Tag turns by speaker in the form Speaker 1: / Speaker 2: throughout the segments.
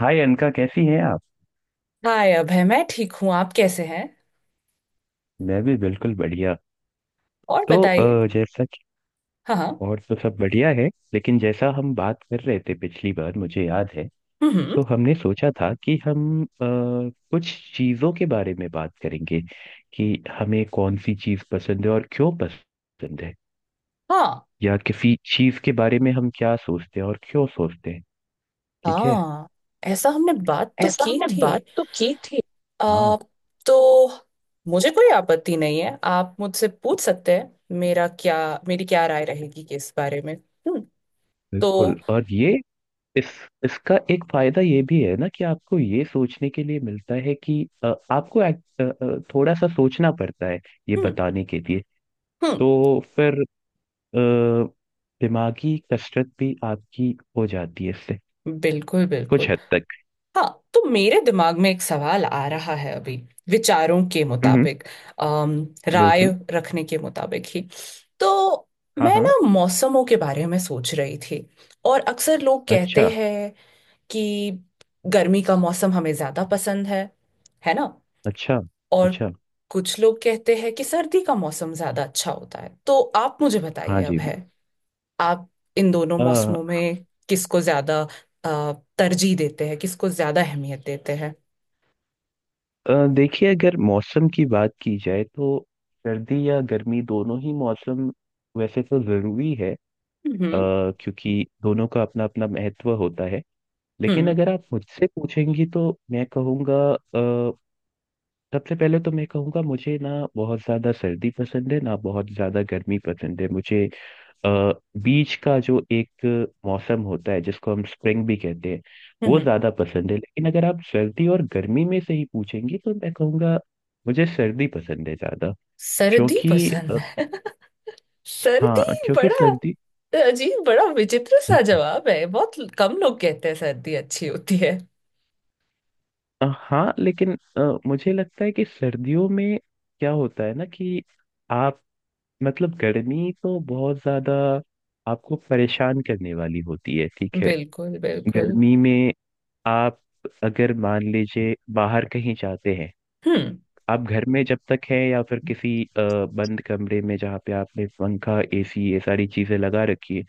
Speaker 1: हाय अनका, कैसी हैं आप।
Speaker 2: हाय अभय, मैं ठीक हूँ। आप कैसे हैं?
Speaker 1: मैं भी बिल्कुल बढ़िया।
Speaker 2: और बताइए।
Speaker 1: जैसा कि
Speaker 2: हाँ, हाँ।
Speaker 1: और तो सब बढ़िया है। लेकिन जैसा हम बात कर रहे थे पिछली बार, मुझे याद है,
Speaker 2: हम्म,
Speaker 1: तो हमने सोचा था कि हम कुछ चीज़ों के बारे में बात करेंगे कि हमें कौन सी चीज़ पसंद है और क्यों पसंद है,
Speaker 2: हाँ,
Speaker 1: या किसी चीज़ के बारे में हम क्या सोचते हैं और क्यों सोचते हैं। ठीक है,
Speaker 2: हाँ। ऐसा हमने बात तो
Speaker 1: ऐसा
Speaker 2: की
Speaker 1: हमने
Speaker 2: थी।
Speaker 1: बात तो की थी।
Speaker 2: आ,
Speaker 1: हाँ,
Speaker 2: तो मुझे कोई आपत्ति नहीं है, आप मुझसे पूछ सकते हैं मेरा क्या मेरी क्या राय रहेगी कि इस बारे में। हम्म। तो
Speaker 1: बिल्कुल। और ये इस इसका एक फायदा ये भी है ना कि आपको ये सोचने के लिए मिलता है कि अ, आपको act- अ, अ, थोड़ा सा सोचना पड़ता है ये
Speaker 2: हम्म,
Speaker 1: बताने के लिए।
Speaker 2: हम्म।
Speaker 1: तो फिर अ, दिमागी कसरत भी आपकी हो जाती है इससे,
Speaker 2: बिल्कुल,
Speaker 1: कुछ
Speaker 2: बिल्कुल।
Speaker 1: हद तक।
Speaker 2: हाँ। तो मेरे दिमाग में एक सवाल आ रहा है अभी, विचारों के
Speaker 1: हम्म।
Speaker 2: मुताबिक, अम, राय
Speaker 1: बिल्कुल।
Speaker 2: रखने के मुताबिक ही। तो
Speaker 1: हाँ
Speaker 2: मैं
Speaker 1: हाँ।
Speaker 2: ना मौसमों के बारे में सोच रही थी, और अक्सर लोग
Speaker 1: अच्छा।
Speaker 2: कहते हैं कि गर्मी का मौसम हमें ज्यादा पसंद है ना?
Speaker 1: अच्छा।
Speaker 2: और
Speaker 1: अच्छा।
Speaker 2: कुछ लोग कहते हैं कि सर्दी का मौसम ज्यादा अच्छा होता है। तो आप मुझे
Speaker 1: हाँ
Speaker 2: बताइए अब
Speaker 1: जी।
Speaker 2: है, आप इन दोनों
Speaker 1: अ,
Speaker 2: मौसमों में किसको ज्यादा अ, तरजीह देते हैं, किसको ज्यादा अहमियत देते हैं?
Speaker 1: देखिए, अगर मौसम की बात की जाए तो सर्दी या गर्मी दोनों ही मौसम वैसे तो जरूरी है। अ,
Speaker 2: हम्म,
Speaker 1: क्योंकि दोनों का अपना अपना महत्व होता है। लेकिन
Speaker 2: हम्म,
Speaker 1: अगर आप मुझसे पूछेंगी तो मैं कहूँगा सबसे पहले तो मैं कहूँगा, मुझे ना बहुत ज़्यादा सर्दी पसंद है ना बहुत ज़्यादा गर्मी पसंद है मुझे। अ, बीच का जो एक मौसम होता है जिसको हम स्प्रिंग भी कहते हैं वो
Speaker 2: हम्म।
Speaker 1: ज़्यादा पसंद है। लेकिन अगर आप सर्दी और गर्मी में से ही पूछेंगी तो मैं कहूँगा मुझे सर्दी पसंद है ज़्यादा।
Speaker 2: सर्दी
Speaker 1: क्योंकि
Speaker 2: पसंद
Speaker 1: अ,
Speaker 2: है सर्दी,
Speaker 1: हाँ, क्योंकि
Speaker 2: बड़ा
Speaker 1: सर्दी
Speaker 2: अजीब, बड़ा विचित्र सा जवाब है। बहुत कम लोग कहते हैं सर्दी अच्छी होती है।
Speaker 1: हाँ, लेकिन मुझे लगता है कि सर्दियों में क्या होता है ना कि आप, मतलब गर्मी तो बहुत ज्यादा आपको परेशान करने वाली होती है, ठीक है।
Speaker 2: बिल्कुल, बिल्कुल।
Speaker 1: गर्मी में आप अगर मान लीजिए बाहर कहीं जाते हैं,
Speaker 2: हम्म,
Speaker 1: आप घर में जब तक हैं या फिर किसी बंद कमरे में जहाँ पे आपने पंखा एसी ये सारी चीजें लगा रखी है,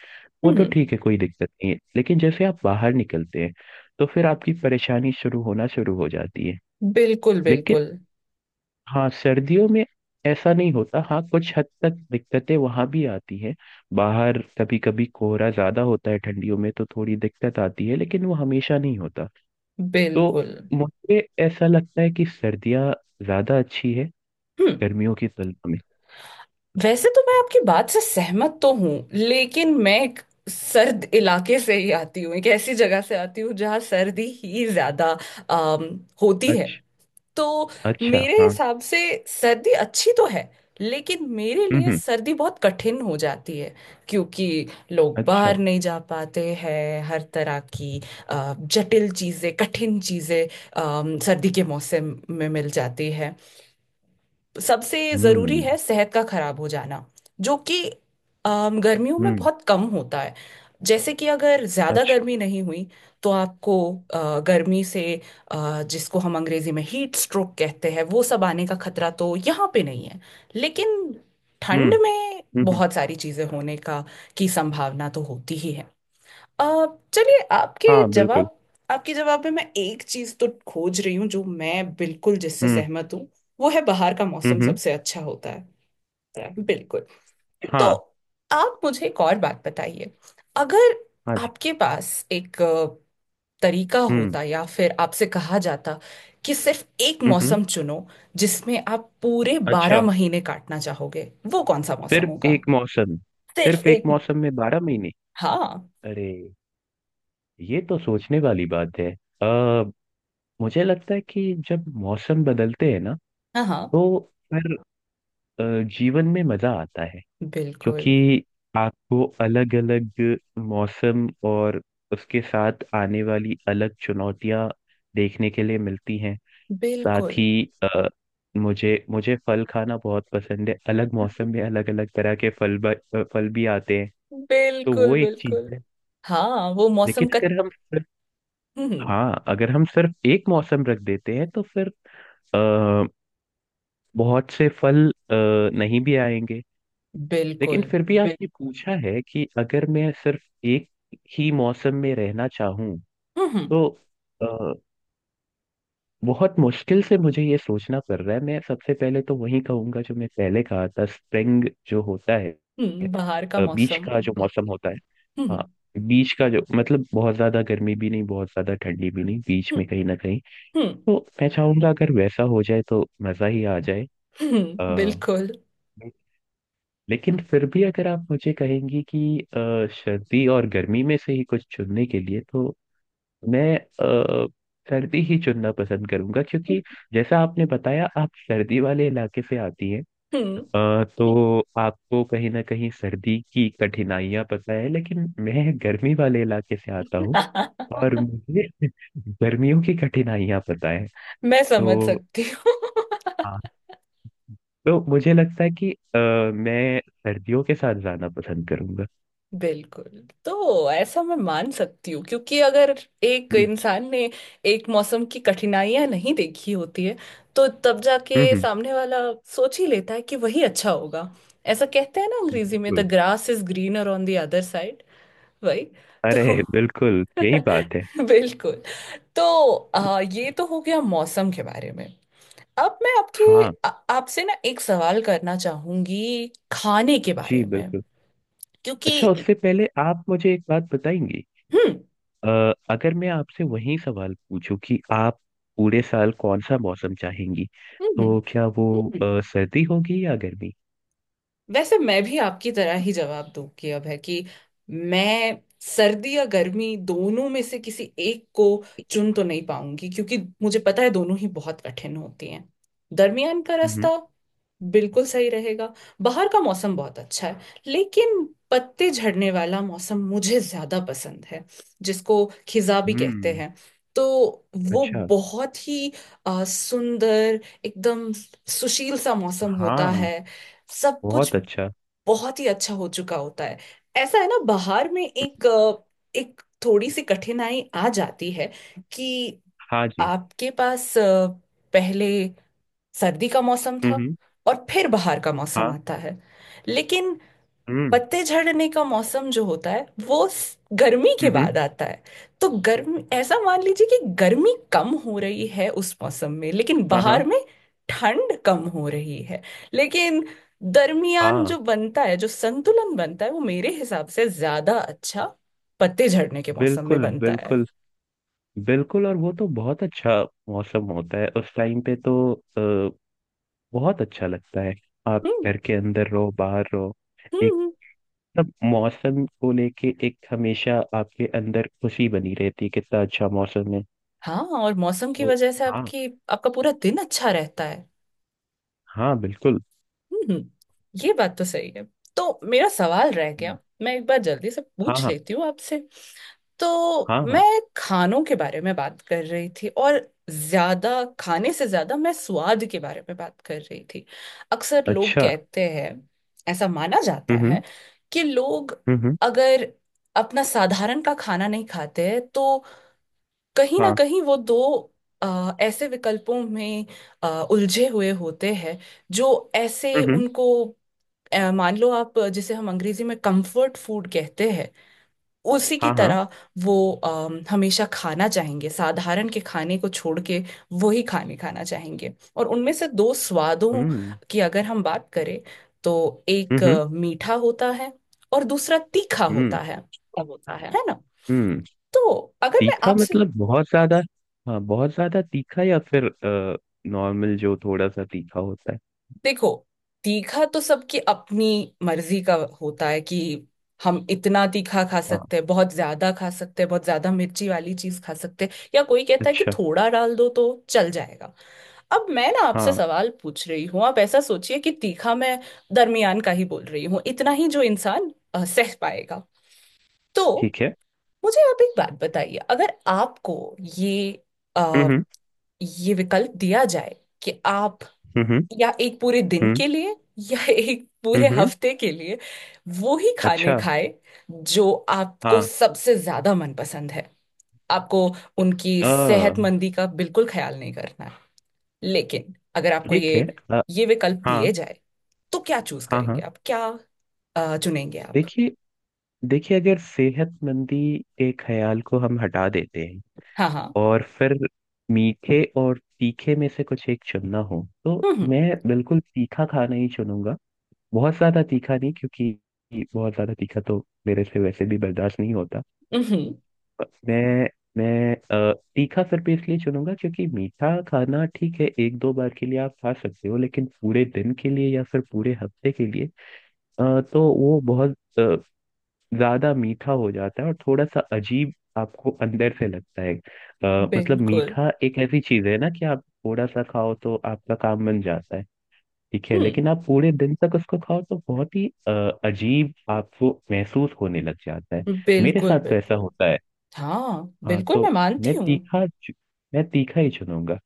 Speaker 1: वो तो
Speaker 2: हम्म।
Speaker 1: ठीक है कोई दिक्कत नहीं है। लेकिन जैसे आप बाहर निकलते हैं तो फिर आपकी परेशानी शुरू होना शुरू हो जाती है।
Speaker 2: बिल्कुल,
Speaker 1: लेकिन
Speaker 2: बिल्कुल,
Speaker 1: हाँ, सर्दियों में ऐसा नहीं होता। हाँ, कुछ हद तक दिक्कतें वहां भी आती हैं। बाहर कभी कभी कोहरा ज्यादा होता है ठंडियों में तो थोड़ी दिक्कत आती है, लेकिन वो हमेशा नहीं होता। तो
Speaker 2: बिल्कुल।
Speaker 1: मुझे ऐसा लगता है कि सर्दियाँ ज्यादा अच्छी है
Speaker 2: हम्म।
Speaker 1: गर्मियों की तुलना में।
Speaker 2: वैसे तो मैं आपकी बात से सहमत तो हूँ, लेकिन मैं एक सर्द इलाके से ही आती हूँ, एक ऐसी जगह से आती हूँ जहाँ सर्दी ही ज्यादा होती है।
Speaker 1: अच्छा।
Speaker 2: तो
Speaker 1: अच्छा।
Speaker 2: मेरे
Speaker 1: हाँ।
Speaker 2: हिसाब से सर्दी अच्छी तो है, लेकिन मेरे
Speaker 1: हम्म
Speaker 2: लिए
Speaker 1: हम्म,
Speaker 2: सर्दी बहुत कठिन हो जाती है, क्योंकि लोग
Speaker 1: अच्छा।
Speaker 2: बाहर नहीं जा पाते हैं, हर तरह की जटिल चीज़ें, कठिन चीज़ें सर्दी के मौसम में मिल जाती है। सबसे ज़रूरी
Speaker 1: हम्म
Speaker 2: है सेहत का खराब हो जाना, जो कि गर्मियों में
Speaker 1: हम्म
Speaker 2: बहुत कम होता है। जैसे कि अगर ज़्यादा
Speaker 1: अच्छा।
Speaker 2: गर्मी नहीं हुई, तो आपको गर्मी से, जिसको हम अंग्रेज़ी में हीट स्ट्रोक कहते हैं, वो सब आने का खतरा तो यहाँ पे नहीं है। लेकिन
Speaker 1: हम्म
Speaker 2: ठंड में
Speaker 1: हम्म हम्म,
Speaker 2: बहुत सारी चीज़ें होने का की संभावना तो होती ही है। अ, चलिए, आपके
Speaker 1: हाँ बिल्कुल।
Speaker 2: जवाब आपके जवाब में मैं एक चीज तो खोज रही हूँ, जो मैं बिल्कुल जिससे
Speaker 1: हम्म
Speaker 2: सहमत हूँ। वो है, बाहर का
Speaker 1: हम्म
Speaker 2: मौसम
Speaker 1: हम्म,
Speaker 2: सबसे अच्छा होता है। बिल्कुल। तो
Speaker 1: हाँ।
Speaker 2: आप मुझे एक और बात बताइए, अगर
Speaker 1: हाँ जी।
Speaker 2: आपके पास एक तरीका
Speaker 1: हम्म
Speaker 2: होता, या फिर आपसे कहा जाता कि सिर्फ एक
Speaker 1: हम्म हम्म,
Speaker 2: मौसम चुनो जिसमें आप पूरे बारह
Speaker 1: अच्छा।
Speaker 2: महीने काटना चाहोगे, वो कौन सा मौसम
Speaker 1: सिर्फ
Speaker 2: होगा?
Speaker 1: एक मौसम।
Speaker 2: सिर्फ
Speaker 1: सिर्फ एक
Speaker 2: एक।
Speaker 1: मौसम में बारह महीने।
Speaker 2: हाँ,
Speaker 1: अरे, ये तो सोचने वाली बात है। आ, मुझे लगता है कि जब मौसम बदलते हैं ना
Speaker 2: हाँ। हाँ,
Speaker 1: तो फिर अ, जीवन में मजा आता है।
Speaker 2: बिल्कुल,
Speaker 1: क्योंकि आपको अलग अलग मौसम और उसके साथ आने वाली अलग चुनौतियां देखने के लिए मिलती हैं। साथ
Speaker 2: बिल्कुल।
Speaker 1: ही अ, मुझे मुझे फल खाना बहुत पसंद है, अलग मौसम में अलग अलग तरह के फल फल भी आते हैं। तो
Speaker 2: बिल्कुल,
Speaker 1: वो एक चीज
Speaker 2: बिल्कुल।
Speaker 1: है।
Speaker 2: हाँ, वो मौसम
Speaker 1: लेकिन
Speaker 2: का।
Speaker 1: अगर हम सिर्फ,
Speaker 2: हम्म।
Speaker 1: हाँ, अगर हम सिर्फ एक मौसम रख देते हैं तो फिर अ, बहुत से फल नहीं भी आएंगे। लेकिन
Speaker 2: बिल्कुल।
Speaker 1: फिर भी आपने पूछा है कि अगर मैं सिर्फ एक ही मौसम में रहना चाहूँ
Speaker 2: हम्म,
Speaker 1: तो अ, बहुत मुश्किल से मुझे ये सोचना पड़ रहा है। मैं सबसे पहले तो वही कहूंगा जो मैं पहले कहा था, स्प्रिंग जो होता है,
Speaker 2: हम्म। बाहर का
Speaker 1: बीच
Speaker 2: मौसम।
Speaker 1: का जो मौसम होता है। हाँ,
Speaker 2: हम्म,
Speaker 1: बीच का जो, मतलब बहुत ज्यादा गर्मी भी नहीं, बहुत ज्यादा ठंडी भी नहीं, बीच
Speaker 2: हम्म,
Speaker 1: में कहीं ना कहीं।
Speaker 2: हम्म,
Speaker 1: तो मैं चाहूंगा अगर वैसा हो जाए तो मजा ही आ जाए। अ,
Speaker 2: बिल्कुल।
Speaker 1: लेकिन फिर भी अगर आप मुझे कहेंगी कि सर्दी और गर्मी में से ही कुछ चुनने के लिए, तो मैं सर्दी ही चुनना पसंद करूंगा। क्योंकि जैसा आपने बताया आप सर्दी वाले इलाके से आती हैं,
Speaker 2: हम्म।
Speaker 1: तो आपको कहीं ना कहीं सर्दी की कठिनाइयां पता है। लेकिन मैं गर्मी वाले इलाके से आता हूँ, और मुझे गर्मियों की कठिनाइयां पता है।
Speaker 2: मैं समझ
Speaker 1: तो
Speaker 2: सकती हूँ
Speaker 1: तो मुझे लगता है कि मैं सर्दियों के साथ जाना पसंद करूंगा।
Speaker 2: बिल्कुल। तो ऐसा मैं मान सकती हूँ, क्योंकि अगर एक
Speaker 1: हम्म।
Speaker 2: इंसान ने एक मौसम की कठिनाइयां नहीं देखी होती है, तो तब
Speaker 1: हम्म
Speaker 2: जाके
Speaker 1: हम्म,
Speaker 2: सामने वाला सोच ही लेता है कि वही अच्छा होगा। ऐसा कहते हैं ना अंग्रेजी में,
Speaker 1: बिल्कुल।
Speaker 2: The grass is greener on the other side. वही
Speaker 1: अरे
Speaker 2: तो।
Speaker 1: बिल्कुल, यही बात है।
Speaker 2: बिल्कुल। तो ये तो हो गया मौसम के बारे में। अब मैं
Speaker 1: हाँ
Speaker 2: आ- आपसे ना एक सवाल करना चाहूंगी, खाने के
Speaker 1: जी।
Speaker 2: बारे में,
Speaker 1: बिल्कुल। अच्छा,
Speaker 2: क्योंकि
Speaker 1: उससे पहले आप मुझे एक बात बताएंगी।
Speaker 2: हम्म,
Speaker 1: अ, अगर मैं आपसे वही सवाल पूछूं कि आप पूरे साल कौन सा मौसम चाहेंगी,
Speaker 2: हम्म, हम्म।
Speaker 1: तो क्या वो सर्दी होगी या गर्मी।
Speaker 2: वैसे मैं भी आपकी तरह ही जवाब दूंगी अब है कि मैं सर्दी या गर्मी दोनों में से किसी एक को चुन तो नहीं पाऊंगी, क्योंकि मुझे पता है दोनों ही बहुत कठिन होती हैं। दरमियान का
Speaker 1: हम्म
Speaker 2: रास्ता बिल्कुल सही रहेगा। बाहर का मौसम बहुत अच्छा है, लेकिन पत्ते झड़ने वाला मौसम मुझे ज्यादा पसंद है, जिसको खिजा भी कहते
Speaker 1: हम्म
Speaker 2: हैं। तो वो
Speaker 1: अच्छा।
Speaker 2: बहुत ही सुंदर, एकदम सुशील सा मौसम होता
Speaker 1: हाँ।
Speaker 2: है। सब कुछ
Speaker 1: बहुत अच्छा।
Speaker 2: बहुत ही अच्छा हो चुका होता है। ऐसा है ना, बाहर में एक थोड़ी सी कठिनाई आ जाती है, कि
Speaker 1: हाँ जी।
Speaker 2: आपके पास पहले सर्दी का मौसम था,
Speaker 1: हम्म।
Speaker 2: और फिर बाहर का मौसम
Speaker 1: हाँ।
Speaker 2: आता है, लेकिन
Speaker 1: हम्म।
Speaker 2: पत्ते झड़ने का मौसम जो होता है वो गर्मी के
Speaker 1: हम्म।
Speaker 2: बाद आता है। तो गर्म ऐसा मान लीजिए कि गर्मी कम हो रही है उस मौसम में, लेकिन
Speaker 1: हाँ
Speaker 2: बाहर
Speaker 1: हाँ।
Speaker 2: में ठंड कम हो रही है। लेकिन दरमियान
Speaker 1: हाँ
Speaker 2: जो बनता है, जो संतुलन बनता है, वो मेरे हिसाब से ज्यादा अच्छा पत्ते झड़ने के मौसम में
Speaker 1: बिल्कुल।
Speaker 2: बनता है।
Speaker 1: बिल्कुल बिल्कुल। और वो तो बहुत अच्छा मौसम होता है। उस टाइम पे तो बहुत अच्छा लगता है, आप
Speaker 2: हम्म,
Speaker 1: घर के अंदर रहो बाहर रहो।
Speaker 2: हम्म,
Speaker 1: एक, सब मौसम को लेके, एक हमेशा आपके अंदर खुशी बनी रहती है कितना अच्छा मौसम है।
Speaker 2: हाँ, और मौसम की
Speaker 1: तो
Speaker 2: वजह से
Speaker 1: हाँ,
Speaker 2: आपकी आपका पूरा दिन अच्छा रहता है।
Speaker 1: हाँ बिल्कुल।
Speaker 2: हम्म, ये बात तो सही है। तो मेरा सवाल रह गया,
Speaker 1: हम्म,
Speaker 2: मैं एक बार जल्दी से
Speaker 1: हाँ
Speaker 2: पूछ
Speaker 1: हाँ।
Speaker 2: लेती हूँ आपसे। तो
Speaker 1: हाँ
Speaker 2: मैं
Speaker 1: हाँ।
Speaker 2: खानों के बारे में बात कर रही थी, और ज्यादा खाने से ज्यादा मैं स्वाद के बारे में बात कर रही थी। अक्सर लोग
Speaker 1: अच्छा।
Speaker 2: कहते हैं, ऐसा माना जाता
Speaker 1: हम्म
Speaker 2: है कि लोग
Speaker 1: हम्म हम्म,
Speaker 2: अगर अपना साधारण का खाना नहीं खाते हैं, तो कहीं ना
Speaker 1: हाँ।
Speaker 2: कहीं वो दो ऐसे विकल्पों में उलझे हुए होते हैं, जो ऐसे
Speaker 1: हम्म।
Speaker 2: उनको अ, मान लो, आप जिसे हम अंग्रेजी में कंफर्ट फूड कहते हैं, उसी की
Speaker 1: हाँ हाँ।
Speaker 2: तरह वो हमेशा खाना चाहेंगे, साधारण के खाने को छोड़ के, वही खाने खाना चाहेंगे। और उनमें से दो स्वादों
Speaker 1: हम्म
Speaker 2: की अगर हम बात करें, तो एक
Speaker 1: हम्म
Speaker 2: मीठा होता है, और दूसरा तीखा
Speaker 1: हम्म
Speaker 2: होता है
Speaker 1: सब होता है।
Speaker 2: है ना?
Speaker 1: हम्म।
Speaker 2: तो अगर मैं
Speaker 1: तीखा
Speaker 2: आपसे
Speaker 1: मतलब बहुत ज्यादा, हाँ बहुत ज्यादा तीखा, या फिर नॉर्मल जो थोड़ा सा तीखा होता है।
Speaker 2: देखो, तीखा तो सबकी अपनी मर्जी का होता है कि हम इतना तीखा खा
Speaker 1: हाँ।
Speaker 2: सकते हैं, बहुत ज्यादा खा सकते हैं, बहुत ज्यादा मिर्ची वाली चीज खा सकते हैं, या कोई कहता है कि
Speaker 1: अच्छा।
Speaker 2: थोड़ा डाल दो तो चल जाएगा। अब मैं ना आपसे
Speaker 1: हाँ।
Speaker 2: सवाल पूछ रही हूँ, आप ऐसा सोचिए कि तीखा मैं दरमियान का ही बोल रही हूँ, इतना ही जो इंसान सह पाएगा। तो
Speaker 1: ठीक है।
Speaker 2: मुझे आप एक बात बताइए, अगर आपको ये अ,
Speaker 1: हम्म।
Speaker 2: ये विकल्प दिया जाए, कि आप,
Speaker 1: हम्म।
Speaker 2: या एक पूरे दिन
Speaker 1: हम्म
Speaker 2: के लिए, या एक पूरे
Speaker 1: हम्म हम्म
Speaker 2: हफ्ते के लिए वो ही खाने
Speaker 1: अच्छा।
Speaker 2: खाए जो आपको
Speaker 1: हाँ।
Speaker 2: सबसे ज्यादा मनपसंद है, आपको उनकी
Speaker 1: अ,
Speaker 2: सेहतमंदी का बिल्कुल ख्याल नहीं करना है। लेकिन अगर आपको
Speaker 1: ठीक
Speaker 2: ये
Speaker 1: है। अ,
Speaker 2: ये विकल्प दिए
Speaker 1: हाँ
Speaker 2: जाए, तो क्या चूज
Speaker 1: हाँ। हाँ।
Speaker 2: करेंगे आप, क्या चुनेंगे आप?
Speaker 1: देखिए, देखिए अगर सेहतमंदी के ख्याल को हम हटा देते हैं
Speaker 2: हाँ, हाँ।
Speaker 1: और फिर मीठे और तीखे में से कुछ एक चुनना हो तो
Speaker 2: हम्म,
Speaker 1: मैं बिल्कुल तीखा खाना ही चुनूंगा। बहुत ज्यादा तीखा नहीं, क्योंकि बहुत ज्यादा तीखा तो मेरे से वैसे भी बर्दाश्त नहीं होता।
Speaker 2: हम्म,
Speaker 1: पर मैं तीखा सिर्फ इसलिए चुनूंगा क्योंकि मीठा खाना ठीक है एक दो बार के लिए आप खा सकते हो, लेकिन पूरे दिन के लिए या फिर पूरे हफ्ते के लिए तो वो बहुत ज्यादा मीठा हो जाता है और थोड़ा सा अजीब आपको अंदर से लगता है। मतलब
Speaker 2: बिल्कुल।
Speaker 1: मीठा एक ऐसी चीज है ना कि आप थोड़ा सा खाओ तो आपका काम बन जाता है। ठीक है,
Speaker 2: हम्म।
Speaker 1: लेकिन आप पूरे दिन तक उसको खाओ तो बहुत ही अजीब आपको महसूस होने लग जाता है। मेरे
Speaker 2: बिल्कुल,
Speaker 1: साथ तो ऐसा
Speaker 2: बिल्कुल।
Speaker 1: होता है।
Speaker 2: हाँ,
Speaker 1: हाँ,
Speaker 2: बिल्कुल, मैं मानती
Speaker 1: मैं
Speaker 2: हूँ।
Speaker 1: तीखा चु- मैं तीखा ही चुनूंगा।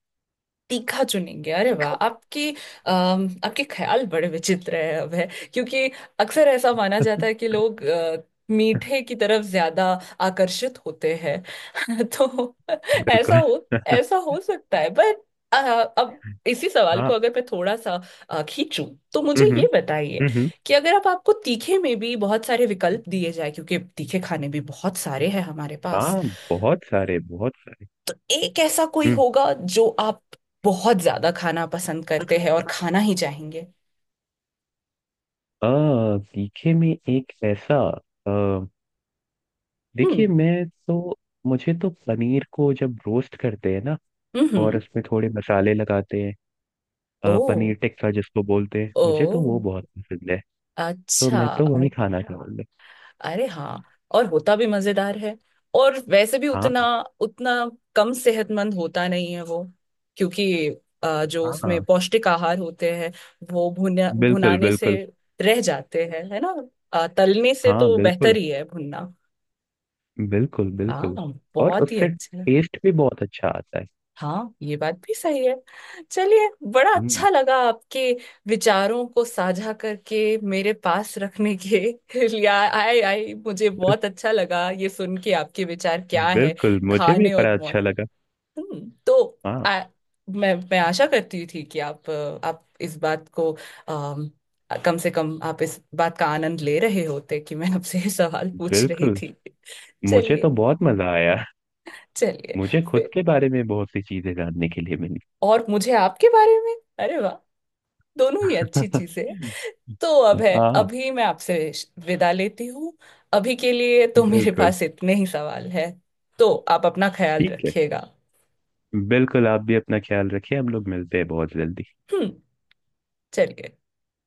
Speaker 2: तीखा चुनेंगे, अरे वाह!
Speaker 1: तीखा।
Speaker 2: आपके ख्याल बड़े विचित्र है अब है, क्योंकि अक्सर ऐसा माना जाता है कि लोग मीठे की तरफ ज्यादा आकर्षित होते हैं। तो ऐसा
Speaker 1: बिल्कुल।
Speaker 2: हो ऐसा हो सकता है पर, अ, अब इसी सवाल को
Speaker 1: हाँ।
Speaker 2: अगर मैं थोड़ा सा खींचूं, तो मुझे
Speaker 1: हम्म।
Speaker 2: ये बताइए
Speaker 1: हम्म।
Speaker 2: कि अगर आप आपको तीखे में भी बहुत सारे विकल्प दिए जाए, क्योंकि तीखे खाने भी बहुत सारे हैं हमारे।
Speaker 1: हाँ, बहुत सारे बहुत सारे।
Speaker 2: एक ऐसा कोई
Speaker 1: हम्म।
Speaker 2: होगा जो आप बहुत ज्यादा खाना पसंद करते हैं और खाना ही चाहेंगे?
Speaker 1: तीखे में एक ऐसा, अ, देखिए
Speaker 2: हम्म,
Speaker 1: मैं तो, मुझे तो पनीर को जब रोस्ट करते हैं ना, और
Speaker 2: हम्म।
Speaker 1: उसमें थोड़े मसाले लगाते हैं,
Speaker 2: ओ।
Speaker 1: पनीर टिक्का जिसको बोलते हैं, मुझे तो वो
Speaker 2: ओ,
Speaker 1: बहुत पसंद है। तो
Speaker 2: अच्छा।
Speaker 1: मैं तो वही भाई खाना क्या चाहूंगा।
Speaker 2: अरे हाँ, और होता भी मजेदार है। और वैसे भी
Speaker 1: हाँ
Speaker 2: उतना उतना कम सेहतमंद होता नहीं है वो, क्योंकि जो उसमें
Speaker 1: हाँ।
Speaker 2: पौष्टिक आहार होते हैं, वो भुना
Speaker 1: बिल्कुल
Speaker 2: भुनाने से
Speaker 1: बिल्कुल।
Speaker 2: रह जाते हैं, है ना? तलने से
Speaker 1: हाँ
Speaker 2: तो बेहतर
Speaker 1: बिल्कुल।
Speaker 2: ही है भुनना।
Speaker 1: बिल्कुल बिल्कुल।
Speaker 2: हाँ,
Speaker 1: और
Speaker 2: बहुत ही
Speaker 1: उससे
Speaker 2: अच्छा।
Speaker 1: टेस्ट भी बहुत अच्छा आता है।
Speaker 2: हाँ, ये बात भी सही है। चलिए, बड़ा
Speaker 1: हम्म,
Speaker 2: अच्छा लगा आपके विचारों को साझा करके, मेरे पास रखने के लिए आए आए मुझे
Speaker 1: बिल-
Speaker 2: बहुत अच्छा लगा ये सुन के आपके विचार क्या है,
Speaker 1: बिल्कुल मुझे भी
Speaker 2: खाने और
Speaker 1: बड़ा अच्छा
Speaker 2: मौत।
Speaker 1: लगा।
Speaker 2: तो
Speaker 1: हाँ
Speaker 2: आ, मैं आशा करती थी कि आप इस बात को, अम, कम से कम आप इस बात का आनंद ले रहे होते कि मैं आपसे ये सवाल पूछ रही
Speaker 1: बिल्कुल,
Speaker 2: थी।
Speaker 1: मुझे तो
Speaker 2: चलिए।
Speaker 1: बहुत मजा आया।
Speaker 2: चलिए,
Speaker 1: मुझे खुद
Speaker 2: फिर,
Speaker 1: के बारे में बहुत सी चीजें जानने के लिए मिली।
Speaker 2: और मुझे आपके बारे में, अरे वाह! दोनों ही अच्छी चीजें हैं। तो अब है,
Speaker 1: हाँ।
Speaker 2: अभी मैं आपसे विदा लेती हूँ, अभी के लिए तो मेरे
Speaker 1: बिल्कुल।
Speaker 2: पास इतने ही सवाल है। तो आप अपना ख्याल
Speaker 1: ठीक है,
Speaker 2: रखिएगा।
Speaker 1: बिल्कुल आप भी अपना ख्याल रखिए, हम लोग मिलते हैं बहुत जल्दी।
Speaker 2: हम्म। चलिए।